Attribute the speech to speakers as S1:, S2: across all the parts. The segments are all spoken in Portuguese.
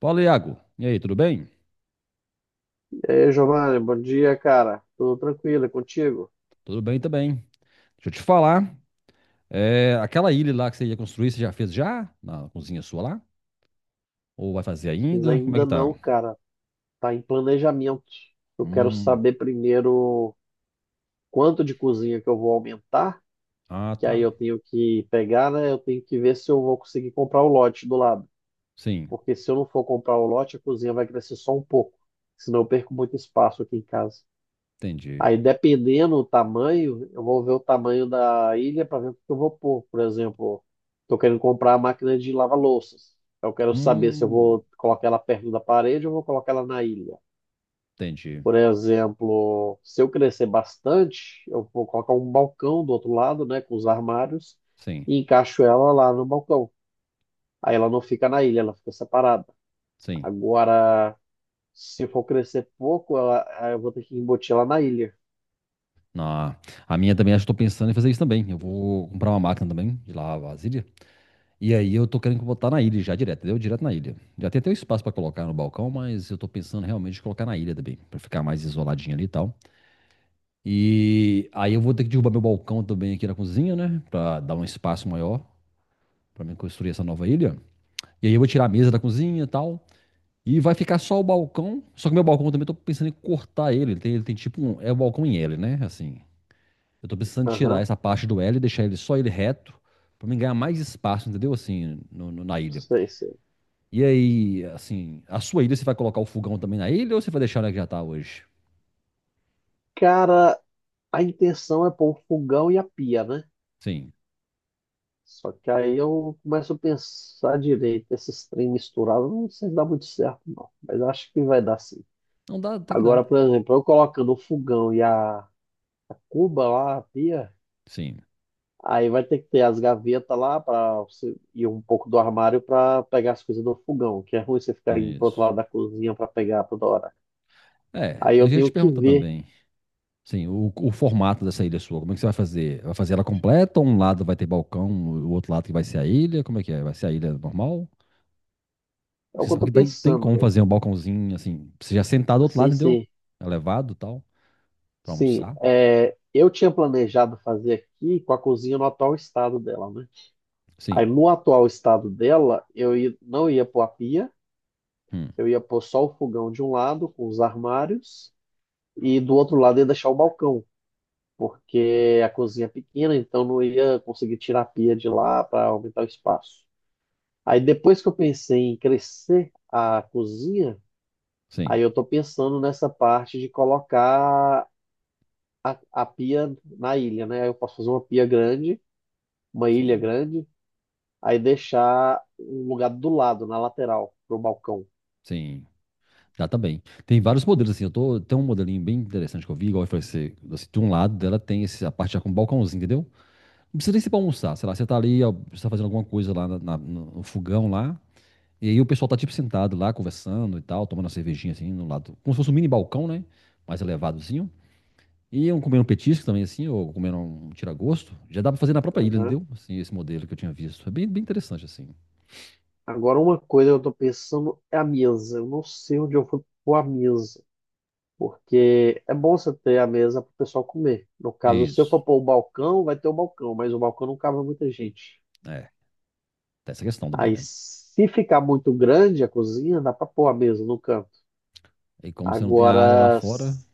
S1: Fala, Iago. E aí, tudo bem?
S2: E aí, Giovanni, bom dia, cara. Tudo tranquilo, é contigo?
S1: Tudo bem também. Deixa eu te falar. É, aquela ilha lá que você ia construir, você já fez já? Na cozinha sua lá? Ou vai fazer
S2: Mas
S1: ainda? Como é
S2: ainda
S1: que tá?
S2: não, cara. Tá em planejamento. Eu quero
S1: Hum,
S2: saber primeiro quanto de cozinha que eu vou aumentar,
S1: ah,
S2: que aí
S1: tá.
S2: eu tenho que pegar, né? Eu tenho que ver se eu vou conseguir comprar o lote do lado.
S1: Sim,
S2: Porque se eu não for comprar o lote, a cozinha vai crescer só um pouco. Senão eu perco muito espaço aqui em casa.
S1: entendi.
S2: Aí, dependendo do tamanho, eu vou ver o tamanho da ilha para ver o que eu vou pôr. Por exemplo, estou querendo comprar a máquina de lavar louças. Eu quero saber se eu
S1: Hum,
S2: vou colocar ela perto da parede ou vou colocar ela na ilha.
S1: entendi.
S2: Por exemplo, se eu crescer bastante, eu vou colocar um balcão do outro lado, né, com os armários,
S1: Sim,
S2: e encaixo ela lá no balcão. Aí ela não fica na ilha, ela fica separada.
S1: sim.
S2: Agora, se for crescer pouco, eu vou ter que embutir ela na ilha.
S1: Na, a minha também, acho que tô pensando em fazer isso também. Eu vou comprar uma máquina também de lavar vasilha. E aí eu tô querendo botar na ilha já direto, entendeu? Direto na ilha. Já tem até o espaço pra colocar no balcão, mas eu tô pensando realmente em colocar na ilha também, pra ficar mais isoladinho ali e tal. E aí eu vou ter que derrubar meu balcão também aqui na cozinha, né? Pra dar um espaço maior pra mim construir essa nova ilha. E aí eu vou tirar a mesa da cozinha e tal. E vai ficar só o balcão. Só que meu balcão eu também eu tô pensando em cortar ele. Ele tem tipo um. É o balcão em L, né? Assim. Eu tô precisando tirar
S2: Aham,
S1: essa parte do L e deixar ele só ele reto. Pra mim ganhar mais espaço, entendeu? Assim, na ilha.
S2: sei, sei.
S1: E aí, assim, a sua ilha você vai colocar o fogão também na ilha ou você vai deixar ela que já tá hoje?
S2: Cara, a intenção é pôr o fogão e a pia, né?
S1: Sim.
S2: Só que aí eu começo a pensar direito, esses trem misturados, não sei se dá muito certo, não. Mas acho que vai dar sim.
S1: Não dá, até que dá.
S2: Agora, por exemplo, eu colocando o fogão e a cuba lá, a pia,
S1: Sim.
S2: aí vai ter que ter as gavetas lá para você e um pouco do armário para pegar as coisas do fogão, que é ruim você ficar indo pro outro
S1: Isso.
S2: lado da cozinha para pegar toda hora.
S1: É,
S2: Aí
S1: eu
S2: eu
S1: ia te
S2: tenho que
S1: perguntar
S2: ver.
S1: também. Sim, o formato dessa ilha sua, como é que você vai fazer? Vai fazer ela completa? Ou um lado vai ter balcão, o outro lado que vai ser a ilha? Como é que é? Vai ser a ilha normal?
S2: É o
S1: Você
S2: que eu
S1: sabe
S2: tô
S1: que daí tem como
S2: pensando.
S1: fazer um balcãozinho assim, você já sentado do outro lado,
S2: Sim,
S1: entendeu?
S2: sim.
S1: Elevado e tal, pra
S2: Sim,
S1: almoçar.
S2: é, eu tinha planejado fazer aqui com a cozinha no atual estado dela, né? Aí
S1: Sim,
S2: no atual estado dela, eu não ia pôr a pia,
S1: hum,
S2: eu ia pôr só o fogão de um lado, com os armários, e do outro lado ia deixar o balcão, porque a cozinha é pequena, então não ia conseguir tirar a pia de lá para aumentar o espaço. Aí depois que eu pensei em crescer a cozinha,
S1: sim,
S2: aí eu estou pensando nessa parte de colocar a pia na ilha, né? Aí eu posso fazer uma pia grande, uma ilha
S1: sim,
S2: grande, aí deixar um lugar do lado, na lateral, pro balcão.
S1: sim. Dá também. Tem vários modelos assim, eu tô, tem um modelinho bem interessante que eu vi, igual eu falei, você, assim, de um lado dela tem esse, a parte já com balcãozinho, entendeu? Não precisa nem ser pra almoçar, sei lá, você tá ali, ó, você tá fazendo alguma coisa lá no fogão lá, e aí o pessoal tá tipo sentado lá, conversando e tal, tomando uma cervejinha assim, no lado, como se fosse um mini balcão, né, mais elevadozinho, e um comendo um petisco também assim, ou comendo um tira-gosto, já dá pra fazer na própria ilha,
S2: Aham.
S1: entendeu? Assim, esse modelo que eu tinha visto, é bem, bem interessante assim.
S2: Agora, uma coisa que eu tô pensando é a mesa. Eu não sei onde eu vou pôr a mesa, porque é bom você ter a mesa pro pessoal comer. No caso, se eu for
S1: Isso.
S2: pôr o balcão, vai ter o balcão, mas o balcão não cabe muita gente.
S1: É, tem essa questão também,
S2: Aí,
S1: né?
S2: se ficar muito grande a cozinha, dá para pôr a mesa no canto.
S1: E como você não tem a área lá
S2: Agora,
S1: fora,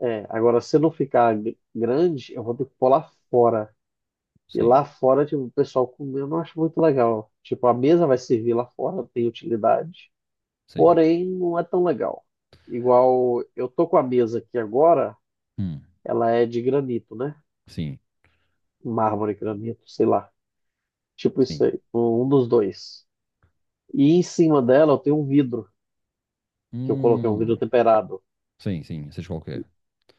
S2: é, agora se não ficar grande, eu vou ter que pôr lá fora. E
S1: sim,
S2: lá fora, tipo, o pessoal comendo, eu não acho muito legal. Tipo, a mesa vai servir lá fora, tem utilidade.
S1: sim,
S2: Porém, não é tão legal. Igual, eu tô com a mesa aqui agora,
S1: hum,
S2: ela é de granito, né?
S1: sim,
S2: Mármore, granito, sei lá. Tipo
S1: sim,
S2: isso aí, um dos dois. E em cima dela eu tenho um vidro, que eu coloquei um
S1: hum,
S2: vidro temperado.
S1: sim, sim, seja qualquer,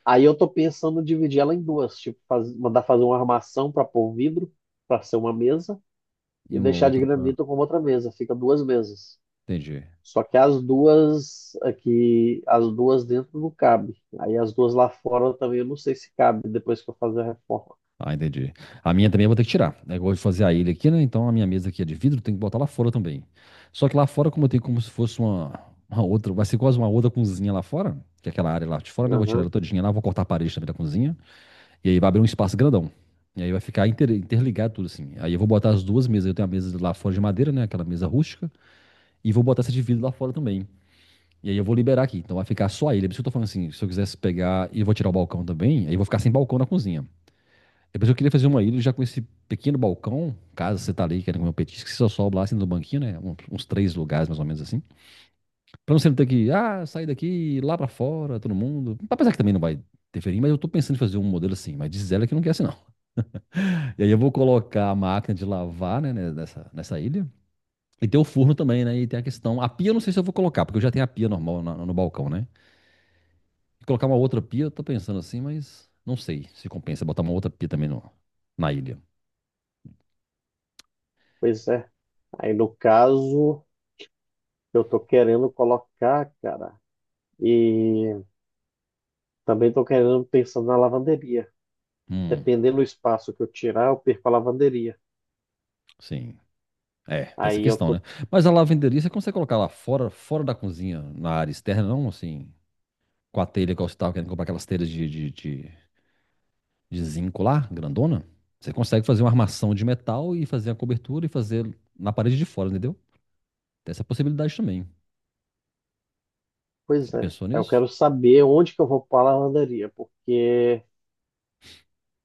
S2: Aí eu tô pensando em dividir ela em duas, tipo, mandar fazer uma armação para pôr o vidro, para ser uma mesa,
S1: e
S2: e
S1: uma
S2: deixar de
S1: outra pra,
S2: granito como outra mesa. Fica duas mesas.
S1: entendi.
S2: Só que as duas aqui, as duas dentro não cabe. Aí as duas lá fora também eu não sei se cabe depois que eu fazer a reforma.
S1: Ah, entendi. A minha também eu vou ter que tirar. É igual de fazer a ilha aqui, né? Então a minha mesa aqui é de vidro, tem que botar lá fora também. Só que lá fora, como eu tenho como se fosse uma outra, vai ser quase uma outra cozinha lá fora, que é aquela área lá de fora, né? Eu vou tirar ela
S2: Aham,
S1: todinha lá, vou cortar a parede também da cozinha. E aí vai abrir um espaço grandão. E aí vai ficar interligado tudo assim. Aí eu vou botar as duas mesas. Eu tenho a mesa lá fora de madeira, né? Aquela mesa rústica. E vou botar essa de vidro lá fora também. E aí eu vou liberar aqui. Então vai ficar só a ilha. Por isso que eu tô falando assim, se eu quisesse pegar e eu vou tirar o balcão também, aí eu vou ficar sem balcão na cozinha. Depois eu queria fazer uma ilha já com esse pequeno balcão, caso você tá ali querendo comer um petisco, que você só sobe lá assim no banquinho, né? Uns três lugares mais ou menos assim. Pra você não ter que, ah, sair daqui, lá pra fora, todo mundo. Apesar que também não vai interferir, mas eu tô pensando em fazer um modelo assim, mas diz ela que não quer assim não. E aí eu vou colocar a máquina de lavar, né, nessa ilha. E tem o forno também, né? E tem a questão. A pia eu não sei se eu vou colocar, porque eu já tenho a pia normal no balcão, né? Colocar uma outra pia, eu tô pensando assim, mas não sei se compensa botar uma outra pia também no, na ilha.
S2: pois é. Aí no caso, eu tô querendo colocar, cara, e também tô querendo pensando na lavanderia.
S1: Hum,
S2: Dependendo do espaço que eu tirar, eu perco a lavanderia.
S1: sim. É, tem essa
S2: Aí eu
S1: questão, né?
S2: tô,
S1: Mas a lavanderia, você consegue colocar lá fora, fora da cozinha, na área externa, não assim, com a telha que você tava querendo comprar aquelas telhas de zinco lá, grandona? Você consegue fazer uma armação de metal e fazer a cobertura e fazer na parede de fora, entendeu? Tem essa possibilidade também. Você
S2: pois
S1: já
S2: é.
S1: pensou
S2: Eu
S1: nisso?
S2: quero saber onde que eu vou pôr a lavanderia, porque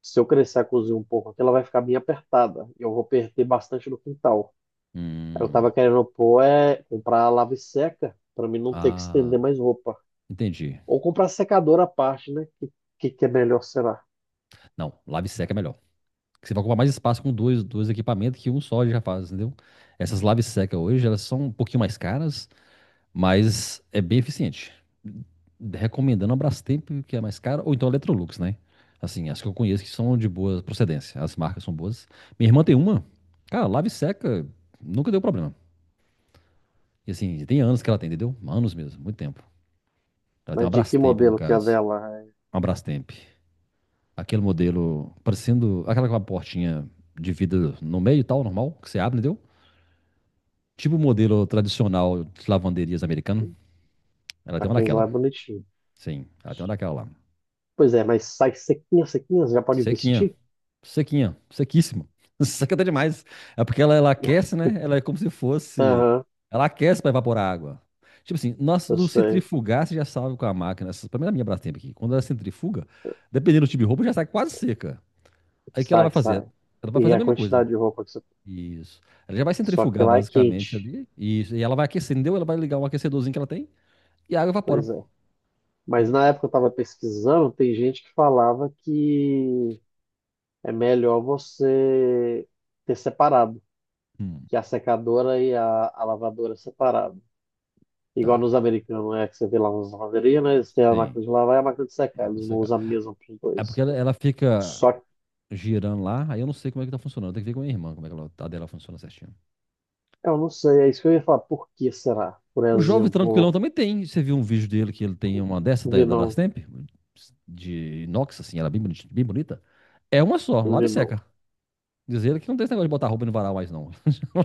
S2: se eu crescer a cozinha um pouco aqui, ela vai ficar bem apertada. Eu vou perder bastante no quintal. Aí eu
S1: Hum,
S2: tava querendo pôr, é, comprar a lave seca, para mim não ter que
S1: ah,
S2: estender mais roupa.
S1: entendi.
S2: Ou comprar secador à parte, né? Que é melhor será?
S1: Não, lave seca é melhor. Porque você vai ocupar mais espaço com dois equipamentos que um só já faz, entendeu? Essas lave seca hoje, elas são um pouquinho mais caras, mas é bem eficiente. Recomendando a Brastemp, que é mais cara, ou então a Electrolux, né? Assim, as que eu conheço que são de boa procedência. As marcas são boas. Minha irmã tem uma, cara, lava e seca, nunca deu problema. E assim, tem anos que ela tem, entendeu? Anos mesmo, muito tempo. Ela tem uma
S2: Mas de que
S1: Brastemp, no
S2: modelo que é a
S1: caso.
S2: dela?
S1: Uma Brastemp. Aquele modelo, parecendo aquela com a portinha de vidro no meio e tal, normal, que você abre, entendeu? Tipo o modelo tradicional de lavanderias americano. Ela
S2: É? A
S1: tem uma
S2: Kinsler
S1: daquela.
S2: é bonitinho.
S1: Sim, ela tem uma daquela lá.
S2: Pois é, mas sai sequinha, sequinha, você já pode
S1: Sequinha,
S2: vestir?
S1: sequinha, sequíssimo. Seca até demais. É porque ela aquece, né? Ela é como se fosse.
S2: Aham,
S1: Ela aquece para evaporar a água. Tipo assim, nós
S2: eu
S1: do
S2: sei.
S1: centrifugar, você já sabe com a máquina. Essa, pelo menos a minha Brastemp aqui. Quando ela centrifuga, dependendo do tipo de roupa, já sai quase seca. Aí o que ela vai
S2: Sai,
S1: fazer?
S2: sai.
S1: Ela vai
S2: E
S1: fazer a
S2: a
S1: mesma coisa.
S2: quantidade de roupa que você tem.
S1: Isso. Ela já vai
S2: Só que
S1: centrifugar,
S2: lá é
S1: basicamente,
S2: quente.
S1: ali. Isso. E ela vai aquecer, entendeu? Ela vai ligar um aquecedorzinho que ela tem e a água evapora.
S2: Pois é. Mas
S1: Então,
S2: na
S1: sim.
S2: época eu estava pesquisando, tem gente que falava que é melhor você ter separado,
S1: Hum,
S2: que a secadora e a lavadora é separado. Igual nos
S1: tá.
S2: americanos, é que você vê lá nas lavanderias, né? Eles têm a
S1: Sim.
S2: máquina de lavar e a máquina de secar.
S1: Máquina
S2: Eles
S1: de
S2: não
S1: secar.
S2: usam a mesma para os
S1: É porque
S2: dois.
S1: ela fica
S2: Só que
S1: girando lá. Aí eu não sei como é que tá funcionando. Tem que ver com a minha irmã, como é que ela, a dela funciona certinho.
S2: eu não sei, é isso que eu ia falar. Por que será? Por
S1: O jovem tranquilão
S2: exemplo,
S1: também tem. Você viu um vídeo dele que ele tem uma dessa da,
S2: vi
S1: da
S2: não,
S1: Brastemp? De inox, assim, ela é bem bonita, bem bonita. É uma só, lava e
S2: vi
S1: seca.
S2: não.
S1: Diz ele que não tem esse negócio de botar roupa no varal mais, não.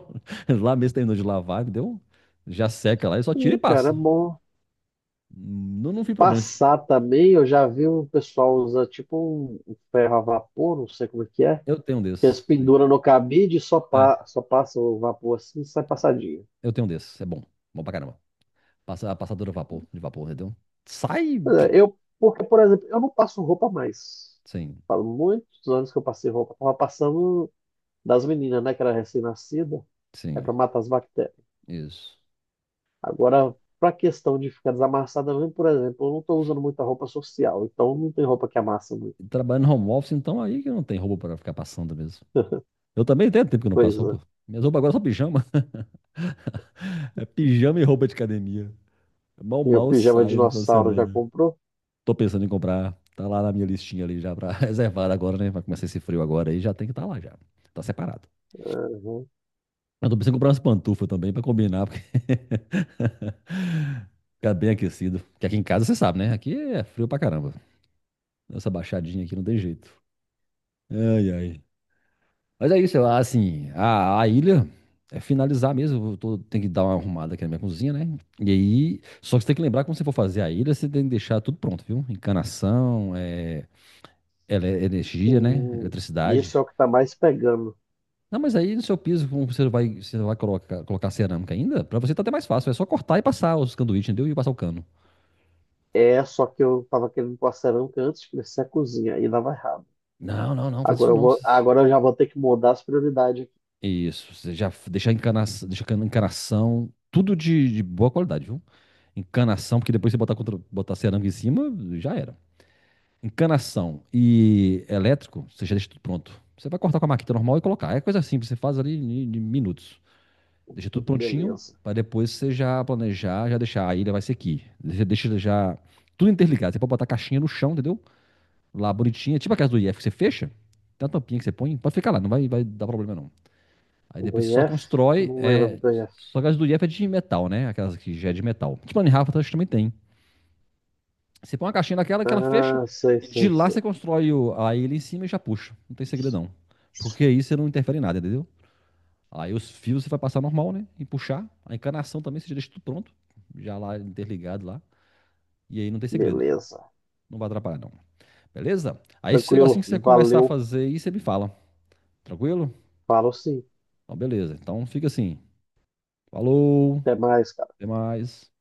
S1: Lá mesmo terminou de lavar, deu. Já seca lá e só tira e
S2: E, cara, é
S1: passa.
S2: bom
S1: Não, não vi problema.
S2: passar também. Eu já vi um pessoal usar tipo um ferro a vapor, não sei como é.
S1: Eu tenho um
S2: Que eles
S1: desses. Sim.
S2: penduram no cabide e só, pa
S1: É.
S2: só passa o vapor assim e sai passadinho.
S1: Eu tenho um desses. É bom. Bom pra caramba. Passa, a passadora de vapor, entendeu? Sai.
S2: Pois é. Eu, porque, por exemplo, eu não passo roupa mais.
S1: Sim,
S2: Faz muitos anos que eu passei roupa. Tava passando das meninas, né? Que era recém-nascida. É
S1: sim.
S2: para matar as bactérias.
S1: Isso.
S2: Agora, para questão de ficar desamassada mesmo, por exemplo, eu não estou usando muita roupa social. Então, não tem roupa que amassa muito.
S1: Trabalhando home office, então aí que não tem roupa pra ficar passando mesmo. Eu também tenho tempo que eu não
S2: Pois
S1: passo
S2: é.
S1: roupa. Minhas roupas agora são pijama. É pijama e roupa de academia. Mal,
S2: E o
S1: mal
S2: pijama
S1: saio no final de
S2: dinossauro já
S1: semana.
S2: comprou?
S1: Tô pensando em comprar. Tá lá na minha listinha ali já pra reservar agora, né? Vai começar esse frio agora aí, já tem que estar tá lá já. Tá separado.
S2: Uhum.
S1: Eu tô pensando em comprar umas pantufas também pra combinar, porque fica bem aquecido. Porque aqui em casa você sabe, né? Aqui é frio pra caramba. Essa baixadinha aqui não tem jeito. Ai, ai. Mas é isso, assim, a ilha é finalizar mesmo. Tenho que dar uma arrumada aqui na minha cozinha, né? E aí, só que você tem que lembrar que quando você for fazer a ilha, você tem que deixar tudo pronto, viu? Encanação, é, energia, né?
S2: Sim. Isso
S1: Eletricidade.
S2: é o que tá mais pegando.
S1: Não, mas aí no seu piso, como você vai colocar, colocar cerâmica ainda, pra você tá até mais fácil. É só cortar e passar os sanduíches, entendeu? E passar o cano.
S2: É, só que eu tava querendo pôr a cerâmica antes de crescer a cozinha. Aí dava errado.
S1: Não, não, não, faz
S2: Agora
S1: isso
S2: eu
S1: não.
S2: vou, agora eu já vou ter que mudar as prioridades.
S1: Isso, você já deixa encanação, encanação, tudo de boa qualidade, viu? Encanação, porque depois você botar, contra, botar cerâmica em cima, já era. Encanação e elétrico, você já deixa tudo pronto. Você vai cortar com a maquita normal e colocar. É coisa simples, você faz ali em minutos. Deixa tudo prontinho,
S2: Beleza.
S1: para depois você já planejar, já deixar. A ilha vai ser aqui. Você deixa já tudo interligado. Você pode botar a caixinha no chão, entendeu? Lá bonitinha, tipo a casa do IF que você fecha, tem uma tampinha que você põe, pode ficar lá, não vai, vai dar problema não. Aí
S2: Do
S1: depois você
S2: I
S1: só
S2: F
S1: constrói,
S2: Não lembro
S1: é,
S2: do IF.
S1: só a casa do IF é de metal, né? Aquelas que já é de metal. Tipo a Rafa também tem. Você põe uma caixinha daquela que ela fecha
S2: Ah, sei,
S1: e de
S2: sei,
S1: lá você
S2: sei.
S1: constrói o, a ilha em cima e já puxa. Não tem segredo não. Porque aí você não interfere em nada, entendeu? Aí os fios você vai passar normal, né? E puxar. A encanação também você já deixa tudo pronto. Já lá interligado lá. E aí não tem segredo.
S2: Beleza.
S1: Não vai atrapalhar, não. Beleza? Aí você- assim que
S2: Tranquilo.
S1: você começar a
S2: Valeu.
S1: fazer isso, você me fala. Tranquilo?
S2: Falo sim.
S1: Então, beleza. Então fica assim. Falou.
S2: Até mais, cara.
S1: Até mais.